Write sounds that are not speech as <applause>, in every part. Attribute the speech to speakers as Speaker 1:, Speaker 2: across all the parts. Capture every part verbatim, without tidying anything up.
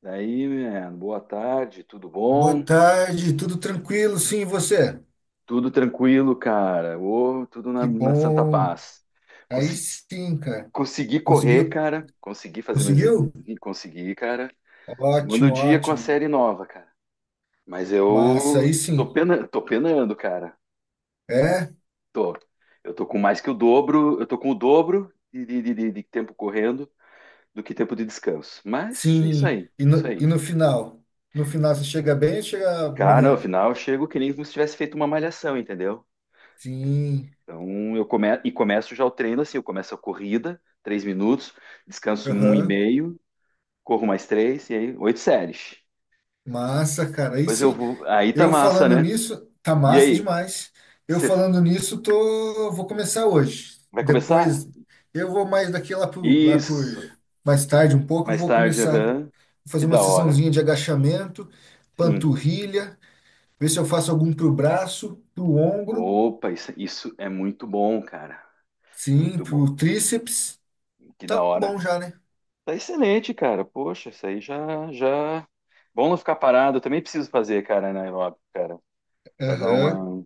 Speaker 1: Daí, mano, boa tarde, tudo
Speaker 2: Boa
Speaker 1: bom?
Speaker 2: tarde, tudo tranquilo? Sim, e você?
Speaker 1: Tudo tranquilo, cara. Ô, tudo na,
Speaker 2: Que
Speaker 1: na santa
Speaker 2: bom.
Speaker 1: paz.
Speaker 2: Aí
Speaker 1: Conse-
Speaker 2: sim, cara.
Speaker 1: consegui correr,
Speaker 2: Conseguiu?
Speaker 1: cara. Consegui fazer meus
Speaker 2: Conseguiu?
Speaker 1: exercícios. Consegui, cara. Segundo
Speaker 2: Ótimo,
Speaker 1: dia com a
Speaker 2: ótimo.
Speaker 1: série nova, cara. Mas
Speaker 2: Massa,
Speaker 1: eu
Speaker 2: aí
Speaker 1: tô
Speaker 2: sim.
Speaker 1: pena, tô penando, cara.
Speaker 2: É?
Speaker 1: Tô. Eu tô com mais que o dobro. Eu tô com o dobro de, de, de, de de tempo correndo do que tempo de descanso. Mas é isso
Speaker 2: Sim.
Speaker 1: aí,
Speaker 2: E
Speaker 1: isso
Speaker 2: no, e
Speaker 1: aí.
Speaker 2: no final? No final você chega bem ou chega
Speaker 1: Cara, no
Speaker 2: morrendo?
Speaker 1: final eu chego que nem como se tivesse feito uma malhação, entendeu?
Speaker 2: Sim.
Speaker 1: Então, eu come... e começo já o treino assim, eu começo a corrida, três minutos, descanso um e
Speaker 2: Aham.
Speaker 1: meio, corro mais três, e aí oito séries.
Speaker 2: Massa, cara. Aí
Speaker 1: Depois eu
Speaker 2: sim.
Speaker 1: vou, aí tá
Speaker 2: Eu
Speaker 1: massa,
Speaker 2: falando
Speaker 1: né?
Speaker 2: nisso, tá
Speaker 1: E
Speaker 2: massa
Speaker 1: aí,
Speaker 2: demais. Eu
Speaker 1: você
Speaker 2: falando nisso, tô, vou começar hoje.
Speaker 1: vai começar?
Speaker 2: Depois, eu vou mais daqui lá por, lá por
Speaker 1: Isso,
Speaker 2: mais tarde um pouco, eu
Speaker 1: mais
Speaker 2: vou
Speaker 1: tarde,
Speaker 2: começar
Speaker 1: aham.
Speaker 2: a
Speaker 1: Que
Speaker 2: fazer uma
Speaker 1: da hora.
Speaker 2: sessãozinha de agachamento,
Speaker 1: Sim.
Speaker 2: panturrilha, ver se eu faço algum pro braço, pro ombro,
Speaker 1: Opa, isso, isso é muito bom, cara.
Speaker 2: sim,
Speaker 1: Muito bom.
Speaker 2: pro tríceps.
Speaker 1: Que da
Speaker 2: Tá
Speaker 1: hora.
Speaker 2: bom já, né?
Speaker 1: Tá excelente, cara. Poxa, isso aí já, já... Bom não ficar parado, eu também preciso fazer, cara, na aeróbica, cara, para dar
Speaker 2: Aham.
Speaker 1: uma,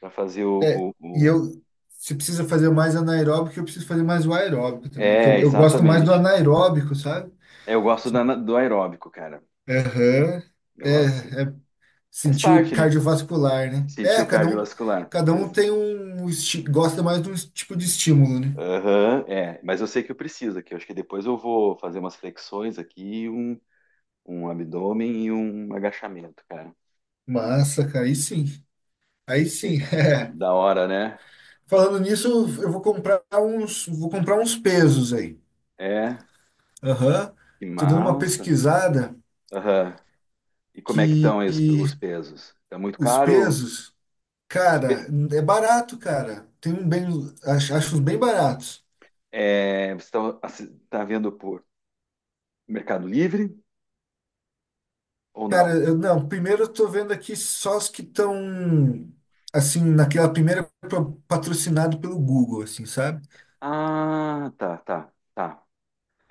Speaker 1: para fazer
Speaker 2: É,
Speaker 1: o,
Speaker 2: e
Speaker 1: o,
Speaker 2: eu, se precisa fazer mais anaeróbico, eu preciso fazer mais o aeróbico também, que
Speaker 1: É,
Speaker 2: eu, eu gosto mais do
Speaker 1: exatamente.
Speaker 2: anaeróbico, sabe?
Speaker 1: Eu gosto da- do aeróbico, cara.
Speaker 2: Aham.
Speaker 1: Eu
Speaker 2: É,
Speaker 1: gosto. Assim,
Speaker 2: é,
Speaker 1: faz
Speaker 2: sentiu
Speaker 1: parte, né?
Speaker 2: cardiovascular, né?
Speaker 1: Sentir
Speaker 2: É,
Speaker 1: o
Speaker 2: cada um,
Speaker 1: cardiovascular.
Speaker 2: cada um
Speaker 1: Ex-
Speaker 2: tem um, esti- gosta mais de um tipo de estímulo, né?
Speaker 1: Aham, é. Mas eu sei que eu preciso aqui. Eu acho que depois eu vou fazer umas flexões aqui, um, um abdômen e um agachamento, cara.
Speaker 2: Massa, cara, aí sim. Aí sim.
Speaker 1: Perfeito.
Speaker 2: <laughs> é.
Speaker 1: Da hora, né?
Speaker 2: Falando nisso, eu vou comprar uns, vou comprar uns pesos aí.
Speaker 1: É.
Speaker 2: Aham.
Speaker 1: Que
Speaker 2: Tô dando uma
Speaker 1: massa.
Speaker 2: pesquisada
Speaker 1: Aham. E como é que
Speaker 2: que,
Speaker 1: estão aí os,
Speaker 2: que
Speaker 1: os pesos? Tá muito
Speaker 2: os
Speaker 1: caro?
Speaker 2: pesos,
Speaker 1: Os
Speaker 2: cara,
Speaker 1: pe-
Speaker 2: é barato, cara. Tem um bem, acho, acho uns bem baratos.
Speaker 1: É, você tá, assi- tá vendo por Mercado Livre ou
Speaker 2: Cara,
Speaker 1: não?
Speaker 2: eu, não, primeiro eu tô vendo aqui só os que estão, assim, naquela primeira pro- patrocinado pelo Google, assim, sabe?
Speaker 1: Ah, tá, tá, tá.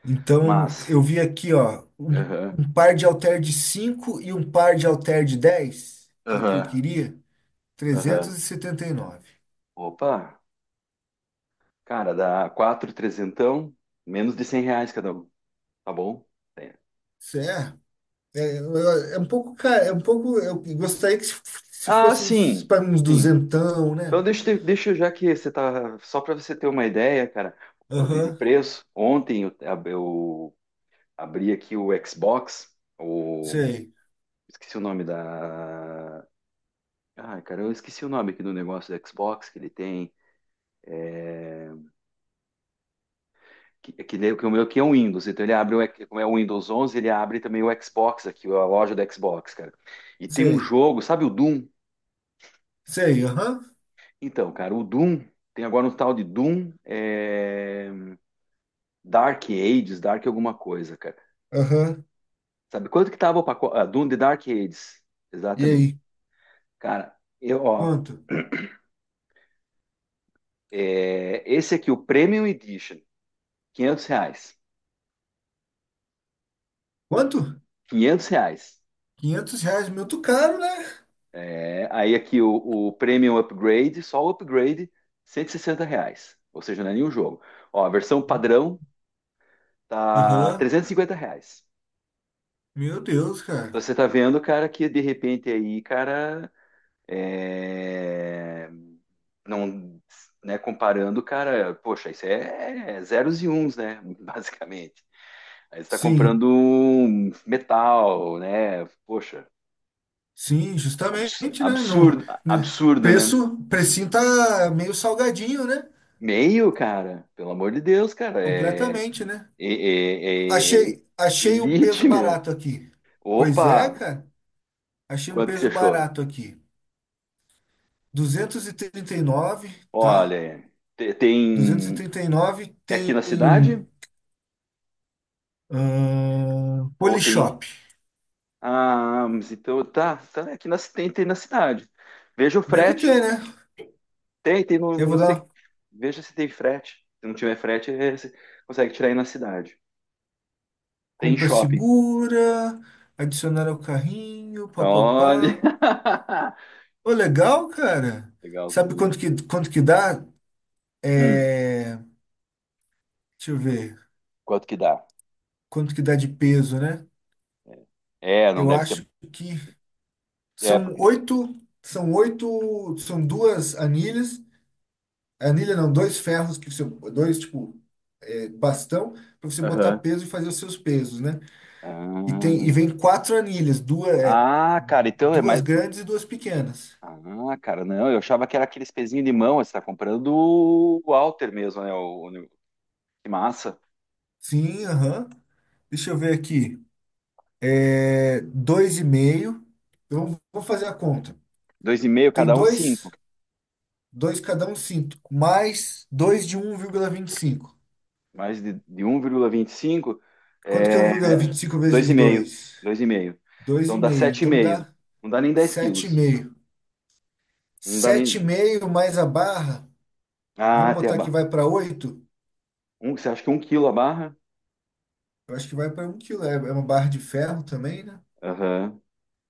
Speaker 2: Então,
Speaker 1: Mas,
Speaker 2: eu vi aqui, ó, um,
Speaker 1: aham,
Speaker 2: um par de halter de cinco e um par de halter de dez que é o que eu
Speaker 1: aham,
Speaker 2: queria,
Speaker 1: aham.
Speaker 2: trezentos e setenta e nove.
Speaker 1: Opa, cara, dá quatro trezentão, menos de cem reais cada um, tá bom? É.
Speaker 2: Isso é, é, é é um pouco, cara, é um pouco, eu gostaria que se, se
Speaker 1: Ah,
Speaker 2: fosse uns,
Speaker 1: sim,
Speaker 2: para uns
Speaker 1: sim.
Speaker 2: duzentão,
Speaker 1: Então
Speaker 2: né?
Speaker 1: deixa, eu te- deixa eu, já que você tá, só para você ter uma ideia, cara, de de
Speaker 2: Aham,
Speaker 1: preço. Ontem eu, ab- eu abri aqui o Xbox, o
Speaker 2: sei,
Speaker 1: esqueci o nome da, ai, cara, eu esqueci o nome aqui do negócio do Xbox que ele tem. Que, que, nem- que o meu aqui é um Windows, então ele abre, o, X- como é o Windows onze, ele abre também o Xbox aqui, a loja do Xbox, cara. E tem um
Speaker 2: sei,
Speaker 1: jogo, sabe o Doom?
Speaker 2: sei, aham,
Speaker 1: Então, cara, o Doom, tem agora um tal de Doom é, Dark Ages, Dark alguma coisa, cara.
Speaker 2: aham,
Speaker 1: Sabe quanto que tava o pacote? Ah, Doom de Dark Ages,
Speaker 2: e
Speaker 1: exatamente.
Speaker 2: aí,
Speaker 1: Cara, eu, ó,
Speaker 2: quanto?
Speaker 1: é, esse aqui, o Premium Edition, quinhentos reais.
Speaker 2: Quanto?
Speaker 1: quinhentos reais.
Speaker 2: Quinhentos reais, muito caro, né?
Speaker 1: É, aí aqui o, o Premium Upgrade, só o upgrade, cento e sessenta reais. Ou seja, não é nenhum jogo. Ó, a versão padrão tá
Speaker 2: Aham,
Speaker 1: trezentos e cinquenta reais.
Speaker 2: Meu Deus,
Speaker 1: Então
Speaker 2: cara.
Speaker 1: você tá vendo, cara, que de repente aí, cara, é, não, né, comparando, cara, poxa, isso é é zeros e uns, né, <laughs> basicamente. Aí você tá
Speaker 2: Sim,
Speaker 1: comprando um metal, né, poxa,
Speaker 2: sim,
Speaker 1: abs-
Speaker 2: justamente, né? Não,
Speaker 1: absurdo,
Speaker 2: né?
Speaker 1: absurdo, né?
Speaker 2: Preço, precinho tá meio salgadinho, né?
Speaker 1: Meio, cara, pelo amor de Deus, cara, é
Speaker 2: Completamente, né?
Speaker 1: É, é, é, é
Speaker 2: Achei, achei um peso
Speaker 1: Elite, <laughs> meu.
Speaker 2: barato aqui. Pois é,
Speaker 1: Opa!
Speaker 2: cara. Achei um
Speaker 1: Quanto que você
Speaker 2: peso
Speaker 1: achou?
Speaker 2: barato aqui. Duzentos e e trinta e nove, tá?
Speaker 1: Olha, te-
Speaker 2: Duzentos e e
Speaker 1: tem.
Speaker 2: trinta e nove
Speaker 1: É aqui
Speaker 2: tem,
Speaker 1: na cidade?
Speaker 2: ahn,
Speaker 1: Ou tem.
Speaker 2: Polishop.
Speaker 1: Ah, mas então tá, tá é aqui na, ci- tem, tem na cidade. Veja o
Speaker 2: Deve
Speaker 1: frete.
Speaker 2: ter, né?
Speaker 1: Tem, tem no,
Speaker 2: Eu
Speaker 1: não
Speaker 2: vou
Speaker 1: sei.
Speaker 2: dar
Speaker 1: Veja se tem frete. Se não tiver frete, é- você consegue tirar aí na cidade. Tem em
Speaker 2: Compra
Speaker 1: shopping.
Speaker 2: segura, adicionar ao carrinho,
Speaker 1: Olha!
Speaker 2: papapá.
Speaker 1: <laughs>
Speaker 2: Ô, legal, cara. Sabe
Speaker 1: Legalzinho.
Speaker 2: quanto que, quanto que dá?
Speaker 1: Hum,
Speaker 2: É, deixa eu ver.
Speaker 1: quanto que dá?
Speaker 2: Quanto que dá de peso, né?
Speaker 1: É, não
Speaker 2: Eu
Speaker 1: deve ser.
Speaker 2: acho que
Speaker 1: É,
Speaker 2: são
Speaker 1: porque.
Speaker 2: oito, são oito, são duas anilhas. Anilha não, dois ferros que você, dois tipo é, bastão para você botar
Speaker 1: Aham.
Speaker 2: peso e fazer os seus pesos, né? E tem e
Speaker 1: Ah,
Speaker 2: vem quatro anilhas, duas, é,
Speaker 1: Ah, cara, então é
Speaker 2: duas
Speaker 1: mais.
Speaker 2: grandes e duas pequenas.
Speaker 1: Ah, cara, não, eu achava que era aqueles pezinhos de mão, você tá comprando do Walter mesmo, né? O, o- que massa.
Speaker 2: Sim, aham. Deixa eu ver aqui. É dois e meio. Eu vou fazer a conta.
Speaker 1: Dois e meio
Speaker 2: Tem
Speaker 1: cada um cinco.
Speaker 2: dois, dois cada um cinco mais dois de um vírgula vinte e cinco.
Speaker 1: Mais de, de um vírgula vinte e cinco
Speaker 2: Quanto que é um
Speaker 1: é
Speaker 2: vírgula vinte e cinco
Speaker 1: dois
Speaker 2: vezes
Speaker 1: e meio.
Speaker 2: dois?
Speaker 1: Dois e meio.
Speaker 2: Dois
Speaker 1: Então
Speaker 2: e
Speaker 1: dá
Speaker 2: meio.
Speaker 1: sete e
Speaker 2: Então
Speaker 1: meio.
Speaker 2: dá
Speaker 1: Não dá nem dez
Speaker 2: sete sete e
Speaker 1: quilos.
Speaker 2: meio.
Speaker 1: Não dá
Speaker 2: Sete e
Speaker 1: nem.
Speaker 2: meio mais a barra,
Speaker 1: Ah,
Speaker 2: vamos
Speaker 1: até a
Speaker 2: botar que
Speaker 1: barra.
Speaker 2: vai para oito.
Speaker 1: Um, você acha que um quilo a barra?
Speaker 2: Eu acho que vai para um quilo. É é uma barra de ferro também, né?
Speaker 1: Aham.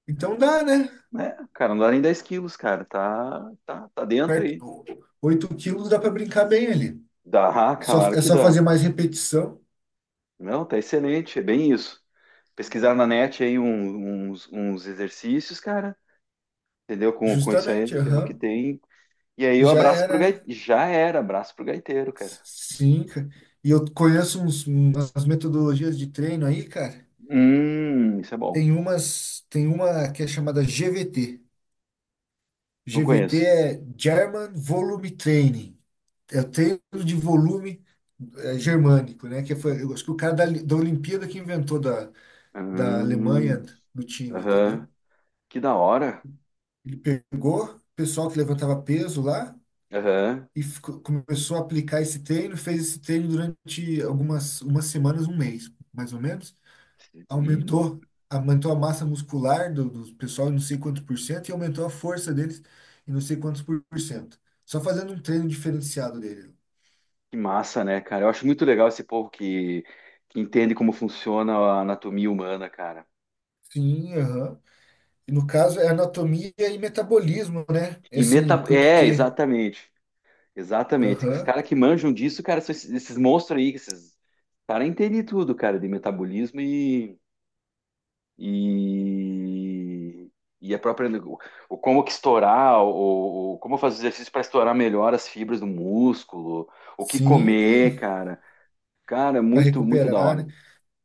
Speaker 2: Então dá, né?
Speaker 1: É, cara, não dá nem dez quilos, cara. Tá, tá, tá dentro aí.
Speaker 2: Perto, oito quilos dá para brincar bem ali.
Speaker 1: Dá, <laughs>
Speaker 2: Só,
Speaker 1: claro
Speaker 2: é
Speaker 1: que
Speaker 2: só
Speaker 1: dá.
Speaker 2: fazer mais repetição.
Speaker 1: Não, tá excelente, é bem isso. Pesquisar na net aí um- uns, uns exercícios, cara, entendeu? Com, com isso aí,
Speaker 2: Justamente,
Speaker 1: que é o que
Speaker 2: aham.
Speaker 1: tem. E aí o
Speaker 2: Já
Speaker 1: abraço pro
Speaker 2: era, né?
Speaker 1: gaiteiro. Já era, abraço pro gaiteiro, cara.
Speaker 2: Sim, cara. E eu conheço uns, umas metodologias de treino aí, cara.
Speaker 1: Hum, isso é bom.
Speaker 2: Tem umas, tem uma que é chamada G V T.
Speaker 1: Não
Speaker 2: G V T
Speaker 1: conheço.
Speaker 2: é German Volume Training. É o treino de volume é, germânico, né? Que foi, eu acho que o cara da, da Olimpíada que inventou da, da Alemanha
Speaker 1: Hum,
Speaker 2: do time,
Speaker 1: Aham.
Speaker 2: entendeu?
Speaker 1: Que da hora.
Speaker 2: Ele pegou o pessoal que levantava peso lá
Speaker 1: Aham.
Speaker 2: e fico- começou a aplicar esse treino, fez esse treino durante algumas umas semanas, um mês, mais ou menos.
Speaker 1: E,
Speaker 2: Aumentou, Aumentou a massa muscular do, do pessoal em não sei quantos por cento e aumentou a força deles em não sei quantos por por cento. Só fazendo um treino diferenciado dele.
Speaker 1: que massa, né, cara? Eu acho muito legal esse povo que, que entende como funciona a anatomia humana, cara.
Speaker 2: Sim, aham. E no caso é anatomia e metabolismo, né? É
Speaker 1: E
Speaker 2: assim,
Speaker 1: meta... É,
Speaker 2: porque,
Speaker 1: exatamente. Exatamente. Os
Speaker 2: aham.
Speaker 1: caras que manjam disso, cara, são esses, esses monstros aí, esses caras entendem tudo, cara, de metabolismo e, e, e a própria, o, o como que estourar, o, o como fazer exercício para estourar melhor as fibras do músculo, o que comer,
Speaker 2: Sim,
Speaker 1: cara. Cara,
Speaker 2: para
Speaker 1: muito, muito da
Speaker 2: recuperar, né?
Speaker 1: hora.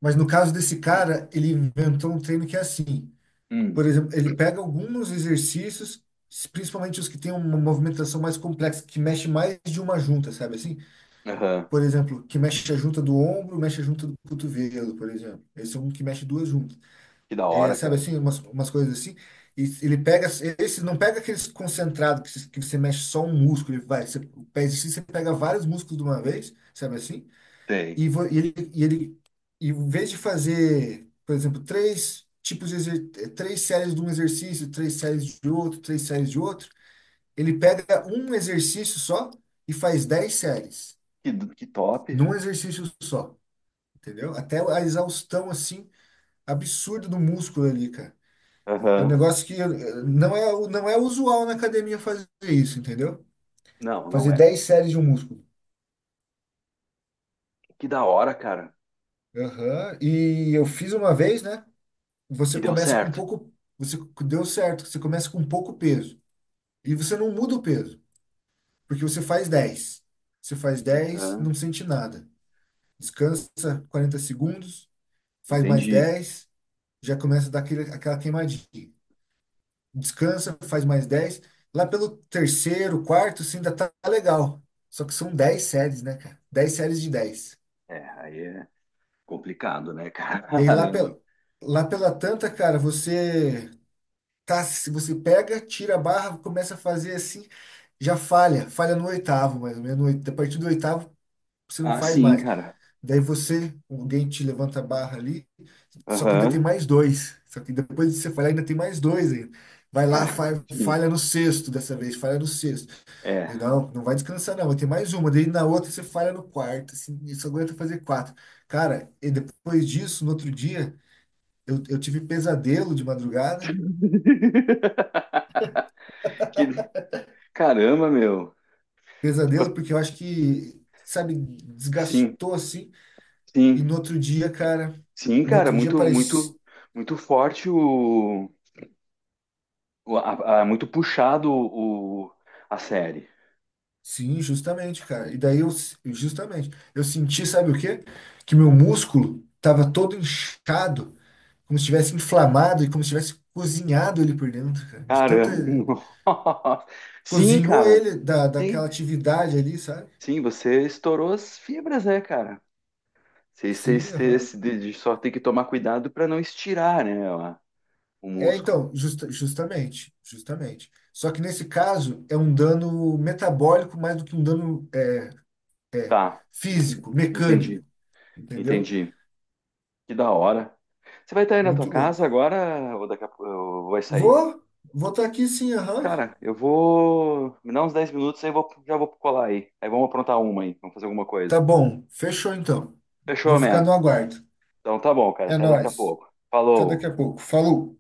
Speaker 2: Mas no caso desse cara, ele inventou um treino que é assim.
Speaker 1: Hum,
Speaker 2: Por exemplo, ele pega alguns exercícios, s- principalmente os que têm uma movimentação mais complexa, que mexe mais de uma junta, sabe assim?
Speaker 1: aham.
Speaker 2: Por exemplo, que mexe a junta do ombro, mexe a junta do cotovelo, por exemplo. Esse é um que mexe duas juntas.
Speaker 1: Que da
Speaker 2: É,
Speaker 1: hora,
Speaker 2: sabe
Speaker 1: cara.
Speaker 2: assim, umas, umas coisas assim. E s- ele pega, s- esse não pega aqueles concentrados que, s- que você mexe só um músculo, ele vai, você, o pé exercício, você pega vários músculos de uma vez, sabe assim?
Speaker 1: Tem.
Speaker 2: E, vo- e ele, e ele, e em vez de fazer, por exemplo, três tipos de exer- eh, três séries de um exercício, três séries de outro, três séries de outro, ele pega um exercício só e faz dez séries
Speaker 1: Que, do- que top.
Speaker 2: num exercício só, entendeu? Até a exaustão assim absurda do músculo ali, cara. É um
Speaker 1: Aham.
Speaker 2: negócio que eh, não é o- não é usual na academia fazer isso, entendeu?
Speaker 1: Não, não
Speaker 2: Fazer
Speaker 1: é.
Speaker 2: dez séries de um músculo.
Speaker 1: Que da hora, cara.
Speaker 2: Aham. E eu fiz uma vez, né? Você
Speaker 1: E deu
Speaker 2: começa com
Speaker 1: certo.
Speaker 2: pouco, você deu certo, você começa com pouco peso e você não muda o peso, porque você faz dez. Você faz dez
Speaker 1: Aham.
Speaker 2: não sente nada. Descansa quarenta segundos, faz mais
Speaker 1: Entendi.
Speaker 2: dez. Já começa a dar aquele, aquela queimadinha. Descansa, faz mais dez. Lá pelo terceiro, quarto, você ainda tá legal. Só que são dez séries, né, cara? Dez séries de dez.
Speaker 1: É, aí é. Complicado, né, cara?
Speaker 2: E
Speaker 1: <laughs>
Speaker 2: aí lá,
Speaker 1: Caramba.
Speaker 2: pel, lá pela tanta, cara, você Tá, se você pega, tira a barra, começa a fazer assim, já falha, falha no oitavo, mais ou menos. No oit- A partir do oitavo, você não
Speaker 1: Ah,
Speaker 2: faz
Speaker 1: sim,
Speaker 2: mais.
Speaker 1: cara.
Speaker 2: Daí você, alguém te levanta a barra ali, só que ainda tem
Speaker 1: Aham.
Speaker 2: mais dois. Só que depois de você falhar, ainda tem mais dois ainda. Vai lá,
Speaker 1: Cara,
Speaker 2: fa-
Speaker 1: sim.
Speaker 2: falha no sexto dessa vez, falha no sexto. Daí,
Speaker 1: É.
Speaker 2: não, não vai descansar, não, vai ter mais uma. Daí na outra você falha no quarto, assim, e só aguenta fazer quatro. Cara, e depois disso, no outro dia, eu, eu tive pesadelo de madrugada.
Speaker 1: <laughs> Que... Caramba, meu.
Speaker 2: Pesadelo,
Speaker 1: Ficou-
Speaker 2: porque eu acho que, sabe,
Speaker 1: Sim,
Speaker 2: desgastou assim. E no
Speaker 1: sim.
Speaker 2: outro dia, cara,
Speaker 1: Sim,
Speaker 2: no
Speaker 1: cara,
Speaker 2: outro dia
Speaker 1: muito,
Speaker 2: parecia.
Speaker 1: muito, muito forte o. o- a- a- muito puxado o, a série.
Speaker 2: Sim, justamente, cara. E daí eu, justamente, eu senti, sabe o quê? Que meu músculo tava todo inchado, como se tivesse inflamado e como se tivesse cozinhado ele por dentro, cara. De tanta.
Speaker 1: Caramba. <laughs> Nossa. Sim,
Speaker 2: Cozinhou
Speaker 1: cara.
Speaker 2: ele da,
Speaker 1: Sim,
Speaker 2: daquela atividade ali, sabe?
Speaker 1: sim, você estourou as fibras, né, cara? Você, você,
Speaker 2: Sim,
Speaker 1: você-
Speaker 2: aham.
Speaker 1: você- de- de só tem que tomar cuidado para não estirar, né, a- o
Speaker 2: É,
Speaker 1: músculo.
Speaker 2: então, justa- justamente, justamente. Só que nesse caso é um dano metabólico mais do que um dano
Speaker 1: Tá, do que
Speaker 2: físico,
Speaker 1: entendi,
Speaker 2: mecânico, entendeu?
Speaker 1: entendi. Que da hora. Você vai estar aí na tua
Speaker 2: Muito louco.
Speaker 1: casa agora ou daqui a pouco ou vai sair?
Speaker 2: Vou, Vou estar aqui sim, aham.
Speaker 1: Cara, eu vou me dar uns dez minutos aí, eu vou, já vou colar aí. Aí vamos aprontar uma aí, vamos fazer alguma coisa.
Speaker 2: Tá bom, fechou então. Vou
Speaker 1: Fechou,
Speaker 2: ficar
Speaker 1: man?
Speaker 2: no aguardo.
Speaker 1: Então tá bom, cara,
Speaker 2: É
Speaker 1: até daqui a
Speaker 2: nóis.
Speaker 1: pouco.
Speaker 2: Até daqui
Speaker 1: Falou.
Speaker 2: a pouco. Falou.